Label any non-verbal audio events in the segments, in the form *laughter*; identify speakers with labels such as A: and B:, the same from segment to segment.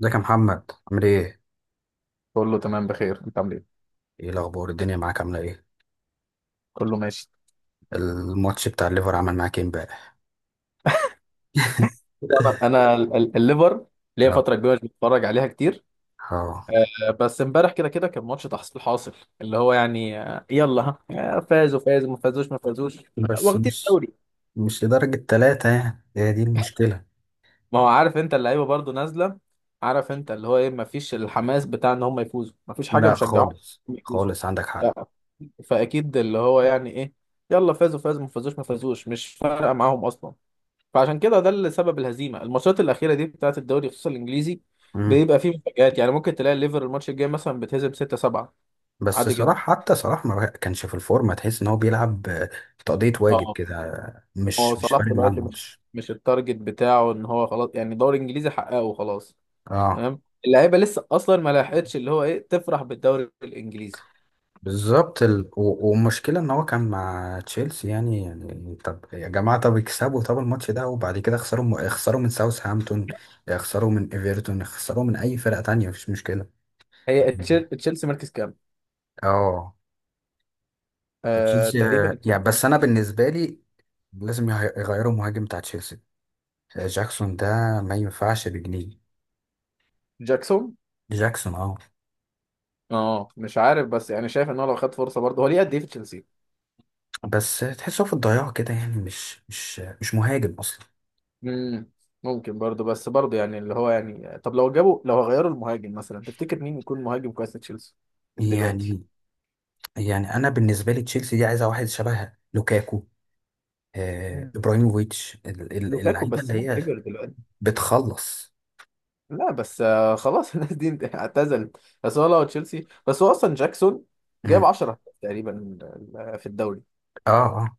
A: ازيك يا محمد عامل ايه؟
B: كله تمام، بخير. انت عامل ايه؟
A: ايه الاخبار الدنيا معاك عامله ايه؟
B: كله ماشي.
A: الماتش بتاع الليفر عمل معاك ايه امبارح؟
B: طبعاً
A: *laughs*
B: انا الليفر ليا
A: اه
B: فتره كبيره مش بتفرج عليها كتير.
A: اه.
B: بس امبارح كده كده كان ماتش تحصيل حاصل، اللي هو يعني، يلا ها، فازوا فازوا ما فازوش ما فازوش.
A: بس
B: واخدين
A: مش
B: الدوري.
A: مش لدرجة ثلاثة، يعني هي دي المشكلة.
B: ما هو عارف انت اللعيبه برضو نازله، عارف انت اللي هو ايه، ما فيش الحماس بتاع ان هم يفوزوا، ما فيش حاجه
A: لا،
B: مشجعهم
A: خالص
B: إنهم يفوزوا.
A: خالص، عندك حق.
B: لا، فاكيد اللي هو يعني ايه، يلا فازوا فازوا ما فازوش ما فازوش مش فارقه معاهم اصلا. فعشان كده ده اللي سبب الهزيمه الماتشات الاخيره دي بتاعت الدوري خصوصا الانجليزي.
A: مم.
B: بيبقى فيه مفاجآت، يعني ممكن تلاقي الليفر الماتش الجاي مثلا بتهزم 6-7
A: بس
B: عادي جدا.
A: صلاح، حتى صلاح ما كانش في الفورمة، تحس ان هو بيلعب تقضية واجب
B: اه،
A: كده،
B: هو
A: مش
B: صلاح
A: فارق معاه
B: دلوقتي مش
A: الماتش.
B: مش التارجت بتاعه ان هو خلاص، يعني دوري انجليزي حققه وخلاص.
A: اه
B: تمام، اللعيبه لسه اصلا ما لحقتش اللي هو ايه تفرح بالدوري الانجليزي.
A: بالظبط. والمشكلة ان هو كان مع تشيلسي، يعني طب يا جماعة، طب اكسبوا طب الماتش ده، وبعد كده خسروا، خسروا من ساوثهامبتون، خسروا من ايفرتون، خسروا من اي فرقة تانية، مفيش مشكلة.
B: هي
A: *laughs*
B: تشيلسي مركز كام؟
A: اه
B: آه
A: تشيلسي.
B: تقريبا
A: يعني بس
B: تشيلسي.
A: انا بالنسبة لي، لازم يغيروا المهاجم بتاع تشيلسي، جاكسون ده ما ينفعش بجنيه.
B: جاكسون،
A: جاكسون اه.
B: اه مش عارف، بس يعني شايف ان هو لو خد فرصه برضه هو ليه قد ايه في تشيلسي؟
A: بس تحسه في الضياع كده، يعني مش مهاجم اصلا.
B: مم. ممكن برضه، بس برضه يعني اللي هو يعني، طب لو جابوا، لو غيروا المهاجم مثلا تفتكر مين يكون مهاجم كويس لتشيلسي دلوقتي؟
A: يعني يعني انا بالنسبه لي تشيلسي دي عايزه واحد شبه لوكاكو،
B: مم.
A: ابراهيموفيتش،
B: لوكاكو
A: اللعيبه
B: بس
A: اللي
B: ما
A: هي
B: كبر دلوقتي.
A: بتخلص.
B: لا بس خلاص *laughs* الناس دي اعتزلت. بس هو لو تشيلسي، بس هو اصلا جاكسون
A: مم.
B: جاب 10 تقريبا، في الدوري.
A: اه اه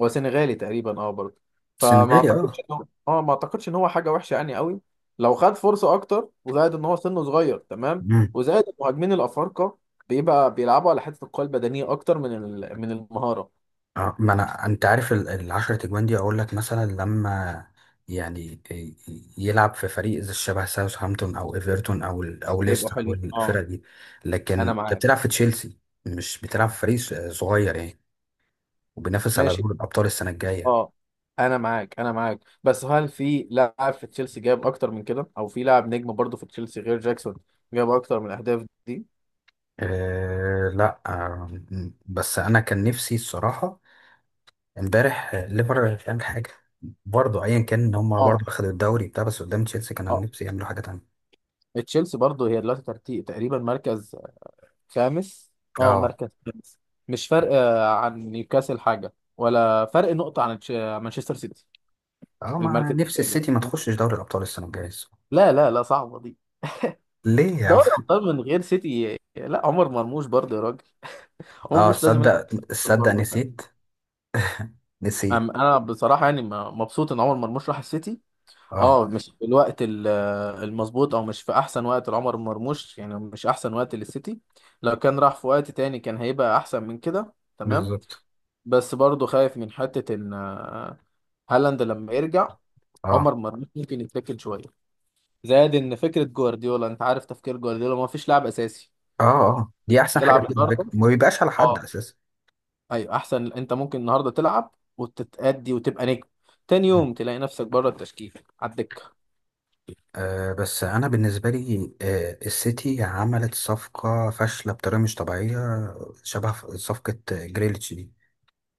B: هو سنغالي تقريبا اه برضه، فما
A: سنغالي
B: اعتقدش
A: اه.
B: ان هو، اه ما اعتقدش ان هو حاجه وحشه يعني قوي، لو خد فرصه اكتر. وزائد ان هو سنه صغير، تمام،
A: مم.
B: وزائد المهاجمين الافارقه بيبقى بيلعبوا على حته القوه البدنيه اكتر من من المهاره.
A: اه، ما انا انت عارف العشرة اجوان دي، اقول لك مثلا لما يعني يلعب في فريق زي شبه ساوثهامبتون او ايفرتون او او
B: هيبقوا
A: ليستر او
B: حلوين، اه.
A: الفرق دي، لكن
B: انا
A: انت
B: معاك،
A: بتلعب في تشيلسي، مش بتلعب في فريق صغير يعني، وبينافس على
B: ماشي.
A: دوري الابطال السنه الجايه.
B: اه، انا معاك، انا معاك، بس هل في لاعب في تشيلسي جاب اكتر من كده، او في لاعب نجم برضه في تشيلسي غير جاكسون جاب اكتر من الاهداف دي؟
A: أه لا، بس انا كان نفسي الصراحه امبارح ليفر مش عامل حاجه برضه، ايا كان ان هم
B: اه
A: برضه اخدوا الدوري بتاع، بس قدام تشيلسي كان أنا
B: اه.
A: نفسي يعملوا حاجه تانية.
B: تشيلسي برضه هي دلوقتي ترتيب تقريبا مركز خامس. اه
A: اه
B: مركز خامس، مش فرق عن نيوكاسل حاجة، ولا فرق نقطة عن مانشستر سيتي.
A: اه. مع
B: المركز
A: نفسي
B: الثالث.
A: السيتي ما تخشش دوري الابطال السنه الجايه الصراحة.
B: لا لا لا، صعبة دي.
A: ليه يا عم؟
B: دوري أبطال من غير سيتي، لا. عمر مرموش برضه يا راجل، عمر
A: اه
B: مرموش لازم يلعب
A: صدق، صدق
B: برضه.
A: نسيت، نسيت.
B: أنا بصراحة يعني، مبسوط إن عمر مرموش راح السيتي. اه،
A: اه
B: مش في الوقت المظبوط، او مش في احسن وقت لعمر مرموش، يعني مش احسن وقت للسيتي. لو كان راح في وقت تاني كان هيبقى احسن من كده، تمام.
A: بالظبط.
B: بس برضه خايف من حتة إن هالاند لما يرجع
A: اه
B: عمر مرموش ممكن يتاكل شوية. زائد إن فكرة جوارديولا، أنت عارف تفكير جوارديولا ما فيش لاعب أساسي.
A: اه اه دي احسن حاجه
B: تلعب
A: فيهم، فكرة.
B: النهاردة،
A: ما بيبقاش على حد
B: أه
A: اساسا.
B: أيوه أحسن، أنت ممكن النهاردة تلعب وتتأدي وتبقى نجم، تاني يوم تلاقي نفسك بره التشكيل، على الدكة.
A: بس انا بالنسبه لي السيتي عملت صفقه فاشله بطريقه مش طبيعيه، شبه صفقه جريليتش دي،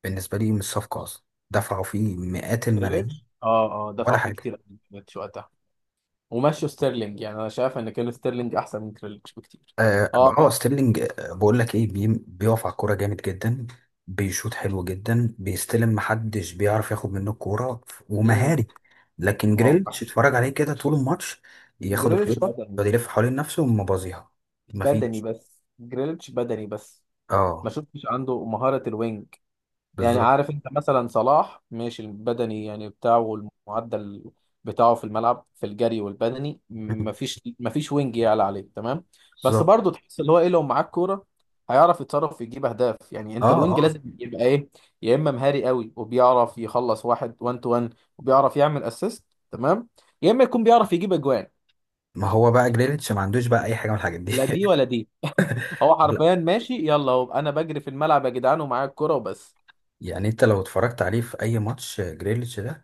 A: بالنسبه لي مش صفقه اصلا، دفعوا فيه مئات الملايين
B: جريليتش، اه اه، دفع
A: ولا
B: فيه
A: حاجه.
B: كتير قوي جريليتش وقتها، ومشوا ستيرلينج. يعني انا شايف ان كان ستيرلينج احسن من جريليتش بكتير.
A: اه،
B: اه.
A: ستيرلينج، بقول لك ايه، بيقف على الكوره جامد جدا، بيشوط حلو جدا، بيستلم، محدش بيعرف ياخد منه الكوره،
B: امم.
A: ومهاري. لكن
B: اه،
A: جريليتش
B: بحث.
A: اتفرج عليه كده طول الماتش، ياخد الكوره
B: جريليتش
A: يقعد
B: بدأ،
A: يلف حوالين نفسه ومبازيها،
B: بدني
A: مفيش.
B: بس، جريليتش بدني بس، ما
A: اه
B: شفتش عنده مهارة الوينج. يعني
A: بالظبط.
B: عارف انت مثلا صلاح ماشي البدني يعني بتاعه والمعدل بتاعه في الملعب في الجري والبدني، ما
A: *laughs*
B: فيش ما فيش وينج يعلى عليه، تمام. بس
A: بالظبط
B: برضه تحس اللي هو ايه، لو معاك كورة هيعرف يتصرف يجيب اهداف. يعني انت
A: اه
B: الوينج
A: اه.
B: لازم يبقى ايه، يا اما مهاري قوي وبيعرف يخلص واحد 1 تو 1 وبيعرف يعمل اسيست تمام، يا اما يكون بيعرف يجيب اجوان.
A: ما هو بقى جريليتش ما عندوش بقى اي حاجه من الحاجات دي.
B: لا دي ولا دي *laughs* هو
A: *laughs*
B: حرفيا ماشي يلا، هو انا بجري في الملعب يا جدعان ومعايا الكرة وبس.
A: يعني انت لو اتفرجت عليه في اي ماتش، جريليتش ده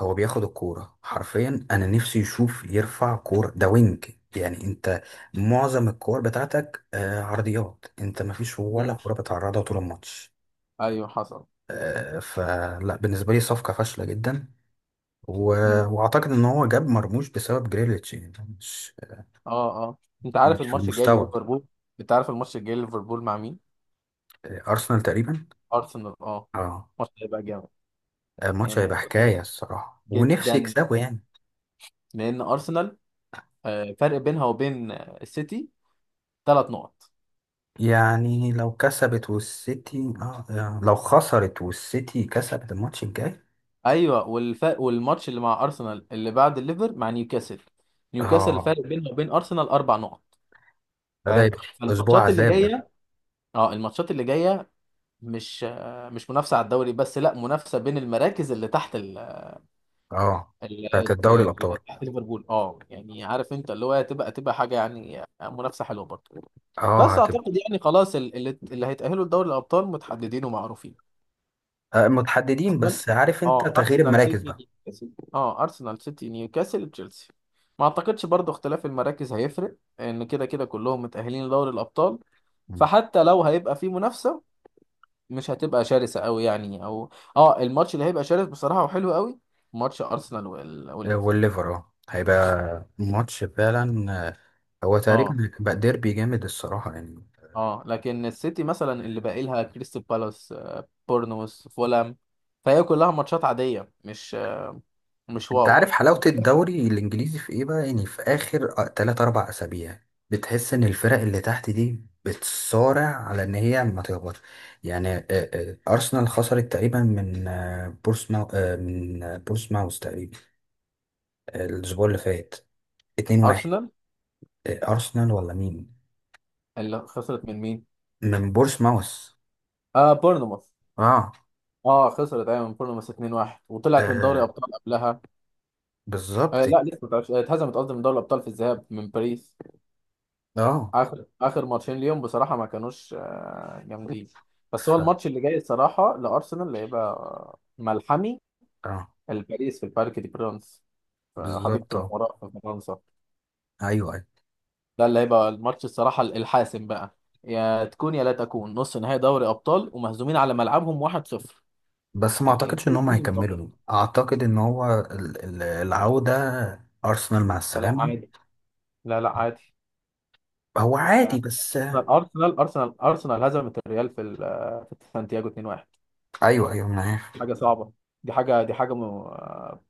A: هو بياخد الكورة حرفيا، انا نفسي يشوف يرفع كورة، ده وينج يعني. انت معظم الكور بتاعتك عرضيات، انت مفيش ولا
B: مم.
A: كورة بتعرضها طول الماتش.
B: ايوه حصل.
A: فلا، بالنسبة لي صفقة فاشلة جدا. و...
B: مم.
A: واعتقد ان هو جاب مرموش بسبب جريليتش، يعني مش
B: اه اه. انت عارف
A: مش في
B: الماتش الجاي
A: المستوى ده.
B: لليفربول، انت عارف الماتش الجاي لليفربول مع مين؟
A: ارسنال تقريبا.
B: ارسنال، اه.
A: اه،
B: الماتش هيبقى جامد،
A: الماتش
B: يعني
A: هيبقى
B: أرسنال،
A: حكاية الصراحة، ونفسي
B: جدا.
A: يكسبه يعني.
B: لان ارسنال فرق بينها وبين السيتي 3 نقط.
A: يعني لو كسبت والسيتي اه، يعني لو خسرت والسيتي كسبت الماتش الجاي.
B: ايوه، والفرق، والماتش اللي مع ارسنال اللي بعد الليفر مع نيوكاسل، نيوكاسل
A: اه،
B: الفرق بينها وبين ارسنال 4 نقط.
A: ده
B: فاهم؟
A: يبقى اسبوع
B: فالماتشات اللي
A: عذاب ده.
B: جايه، اه الماتشات اللي جايه مش مش منافسه على الدوري بس، لا منافسه بين المراكز اللي تحت
A: اه بتاعت
B: ال...
A: الدوري
B: ال...
A: الابطال.
B: تحت ليفربول، اه. يعني عارف انت اللي هو تبقى حاجه، يعني منافسه حلوه برضه.
A: اه
B: بس
A: هتبقى.
B: اعتقد يعني خلاص اللي هيتاهلوا لدوري الابطال متحددين ومعروفين.
A: متحددين
B: أقبل،
A: بس، عارف انت
B: اه،
A: تغيير
B: ارسنال
A: المراكز
B: سيتي
A: بقى.
B: نيوكاسل، اه ارسنال سيتي نيوكاسل تشيلسي. ما اعتقدش برضو اختلاف المراكز هيفرق، ان كده كده كلهم متأهلين لدوري الابطال.
A: مم.
B: فحتى لو هيبقى في منافسة مش هتبقى شرسة قوي يعني، او اه الماتش اللي هيبقى شرس بصراحة وحلو قوي، ماتش ارسنال والليفر.
A: والليفر اه هيبقى ماتش فعلا، هو
B: اه
A: تقريبا بقى ديربي جامد الصراحة يعني.
B: اه، لكن السيتي مثلا اللي باقي لها كريستال بالاس، بورنموث، فولام، فهي كلها ماتشات عادية، مش مش
A: انت
B: واو.
A: عارف حلاوة الدوري الانجليزي في ايه بقى؟ يعني في اخر 3 4 اسابيع، بتحس ان الفرق اللي تحت دي بتصارع على ان هي ما تهبطش، يعني ارسنال خسرت تقريبا من بورسماو، آه، من آه، بورسماوث تقريبا، الاسبوع اللي فات 2-1.
B: ارسنال
A: ارسنال ولا مين؟
B: اللي خسرت من مين؟
A: من بورسماوث
B: اه بورنموث.
A: اه.
B: اه خسرت، ايوه، من بورنموث 2-1 وطلعت من دوري
A: آه،
B: ابطال قبلها. آه
A: بالظبط
B: لا، لسه ما طلعتش، اتهزمت قصدي من دوري الابطال في الذهاب من باريس.
A: اه.
B: اخر اخر ماتشين ليهم بصراحه ما كانوش جامدين. بس هو
A: ف
B: الماتش اللي جاي الصراحه لارسنال هيبقى ملحمي،
A: اه
B: الباريس في البارك دي برانس، في
A: بالظبط
B: حديقه
A: اه.
B: الامراء في فرنسا.
A: ايوه أيوه.
B: ده اللي هيبقى الماتش الصراحه الحاسم بقى، يا تكون يا لا تكون، نص نهائي دوري ابطال ومهزومين على ملعبهم 1-0.
A: بس ما
B: يعني دي
A: اعتقدش ان
B: دي
A: هم
B: اللي
A: هيكملوا
B: متوقع.
A: دول. اعتقد ان هو العودة، ارسنال مع
B: لا
A: السلامة.
B: عادي، لا لا عادي.
A: هو عادي
B: آه،
A: بس.
B: ارسنال هزمت الريال في في سانتياغو 2-1.
A: ايوه ايوه انا عارف.
B: حاجه صعبه، دي حاجه دي حاجه م...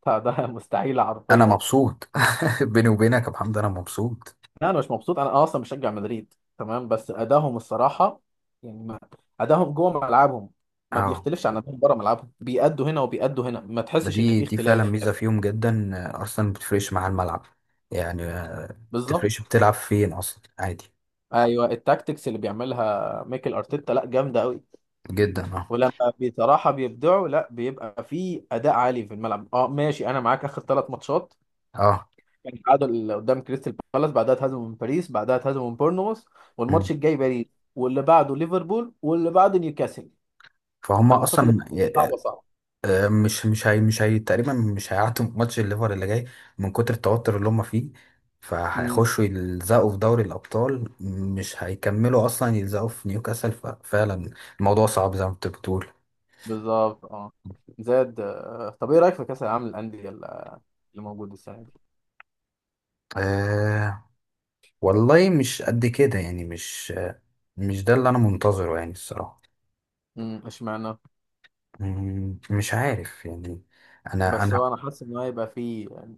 B: بتاع ده *laughs* مستحيله
A: انا
B: حرفيا.
A: مبسوط. *laughs* بيني وبينك يا محمد انا مبسوط.
B: لا انا مش مبسوط، انا اصلا مشجع مدريد، تمام. بس ادائهم الصراحه يعني ما... ادائهم جوه ملعبهم ما
A: اه،
B: بيختلفش عن ادائهم بره ملعبهم، بيأدوا هنا وبيأدوا هنا، ما
A: ما
B: تحسش ان
A: دي
B: في
A: دي فعلا
B: اختلاف.
A: ميزة فيهم جدا، ارسنال ما بتفرقش مع الملعب، يعني ما بتفرقش
B: بالظبط.
A: بتلعب فين، اصلا عادي
B: ايوه، التاكتكس اللي بيعملها ميكل ارتيتا لا جامده قوي.
A: جدا. اه
B: ولما بصراحه بيبدعوا لا بيبقى في اداء عالي في الملعب، اه ماشي، انا معاك. اخر 3 ماتشات
A: اه.
B: كان تعادل قدام كريستال بالاس، بعدها اتهزموا من باريس، بعدها اتهزموا من بورنموث،
A: مم.
B: والماتش الجاي باريس، واللي بعده ليفربول، واللي بعده نيوكاسل.
A: فهم
B: هالماتشات اللي
A: اصلا
B: صعبه صعبه،
A: مش هي تقريبا مش هيعدوا ماتش الليفر اللي جاي، من كتر التوتر اللي هم فيه،
B: امم.
A: فهيخشوا يلزقوا في دوري الأبطال، مش هيكملوا أصلا يلزقوا في نيوكاسل. ففعلا الموضوع صعب زي ما انت بتقول.
B: بالظبط اه، زاد طب ايه رايك في كاس العالم للانديه اللي اللي موجود السنه دي؟
A: أه، والله مش قد كده يعني، مش ده اللي أنا منتظره يعني الصراحة.
B: امم، اشمعنى؟
A: مم، مش عارف يعني. أنا
B: بس
A: أنا
B: هو انا حاسس ان هو هيبقى فيه يعني،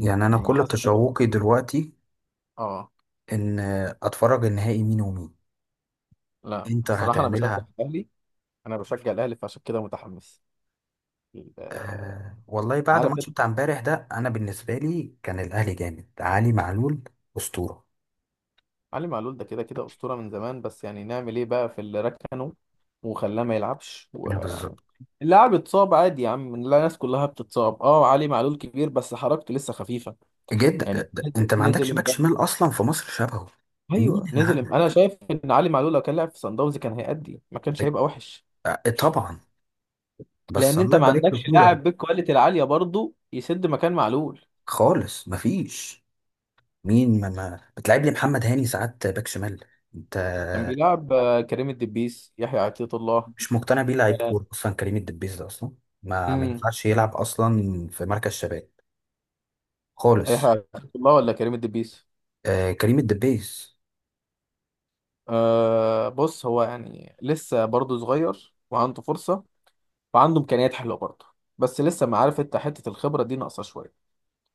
A: يعني، أنا
B: يعني
A: كل
B: حاسس ان هيبقى
A: تشوقي
B: فيه،
A: دلوقتي
B: اه.
A: إن أتفرج النهائي مين ومين.
B: لا
A: انتر
B: بصراحه انا بشجع
A: هتعملها.
B: الاهلي، انا بشجع الاهلي فعشان كده متحمس. آه،
A: آه والله، بعد
B: عارف.
A: الماتش بتاع امبارح ده، انا بالنسبه لي كان الاهلي جامد. علي معلول اسطوره.
B: علي معلول ده كده كده أسطورة من زمان، بس يعني نعمل إيه بقى في اللي ركنه وخلاه ما يلعبش،
A: بالظبط
B: واللاعب اتصاب عادي يا عم. لا الناس كلها بتتصاب، اه. علي معلول كبير بس حركته لسه خفيفة.
A: جدا.
B: يعني
A: انت ما
B: نزل
A: عندكش باك شمال
B: امبارح،
A: اصلا في مصر شبهه. مين
B: ايوه
A: اللي
B: نزل امبارح. انا
A: عندك؟
B: شايف ان علي معلول لو كان لعب في صن داونز كان هيأدي، ما كانش هيبقى وحش.
A: طبعا، بس
B: لان انت
A: الله
B: ما
A: يبارك له
B: عندكش
A: كولر.
B: لاعب بالكواليتي العالية برضه يسد مكان معلول.
A: خالص، مفيش. مين ما بتلعب لي محمد هاني ساعات باك شمال، انت؟
B: كان بيلعب كريم الدبيس، يحيى عطية الله.
A: مش مقتنع بيه، لعيب
B: آه،
A: كوره اصلا كريم الدبيس ده، اصلا ما
B: امم.
A: ينفعش يلعب اصلا في مركز شباب خالص.
B: يحيى عطية الله ولا كريم الدبيس؟
A: آه كريم الدبيس
B: أه، بص هو يعني لسه برضه صغير وعنده فرصة وعنده إمكانيات حلوة برضه، بس لسه، ما عارف انت حتة الخبرة دي ناقصة شوية.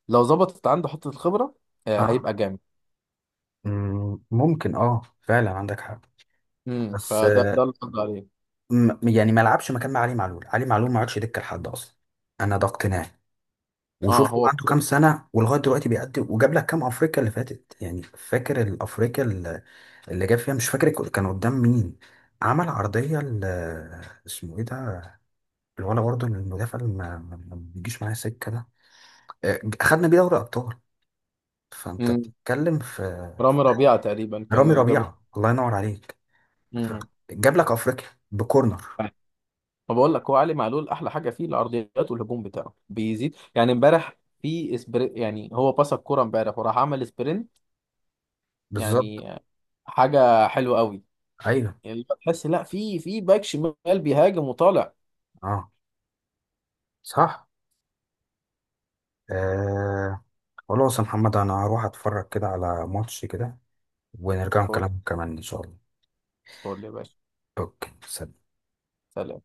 B: لو ظبطت عنده حتة الخبرة، أه
A: اه.
B: هيبقى جامد.
A: مم، ممكن اه، فعلا عندك حق.
B: امم،
A: بس
B: فده اللي قصدي عليه.
A: يعني ما لعبش مكان مع علي معلول، علي معلول ما عادش دكه لحد اصلا، انا ده اقتناعي.
B: اه
A: وشوف هو
B: هو.
A: عنده كام سنه ولغايه دلوقتي بيأدي، وجاب لك كام افريقيا اللي فاتت؟ يعني فاكر الافريقيا اللي اللي جاب فيها؟ مش فاكر كان قدام مين، عمل عرضيه اسمه ايه ده، الولا برضه المدافع اللي ما بيجيش معايا سكه ده، اخدنا بيه دوري ابطال. فانت
B: امم.
A: بتتكلم في
B: رامي ربيعة تقريبا كان
A: رامي
B: اللي جاب.
A: ربيعه، الله ينور عليك. ف-
B: امم.
A: جاب لك افريقيا بكورنر.
B: ما بقول لك، هو علي معلول احلى حاجة فيه العرضيات، والهجوم بتاعه بيزيد. يعني امبارح في اسبري، يعني هو باص الكورة امبارح وراح عمل سبرنت.
A: بالظبط
B: يعني حاجة حلوة قوي.
A: ايوه.
B: يعني اللي هو تحس لا، في باك شمال بيهاجم وطالع.
A: اه صح آه. خلاص يا محمد، انا هروح اتفرج كده على ماتش كده، ونرجع
B: فول،
A: نكلم كمان ان شاء الله.
B: فول يا باشا.
A: اوكي، سلام.
B: سلام.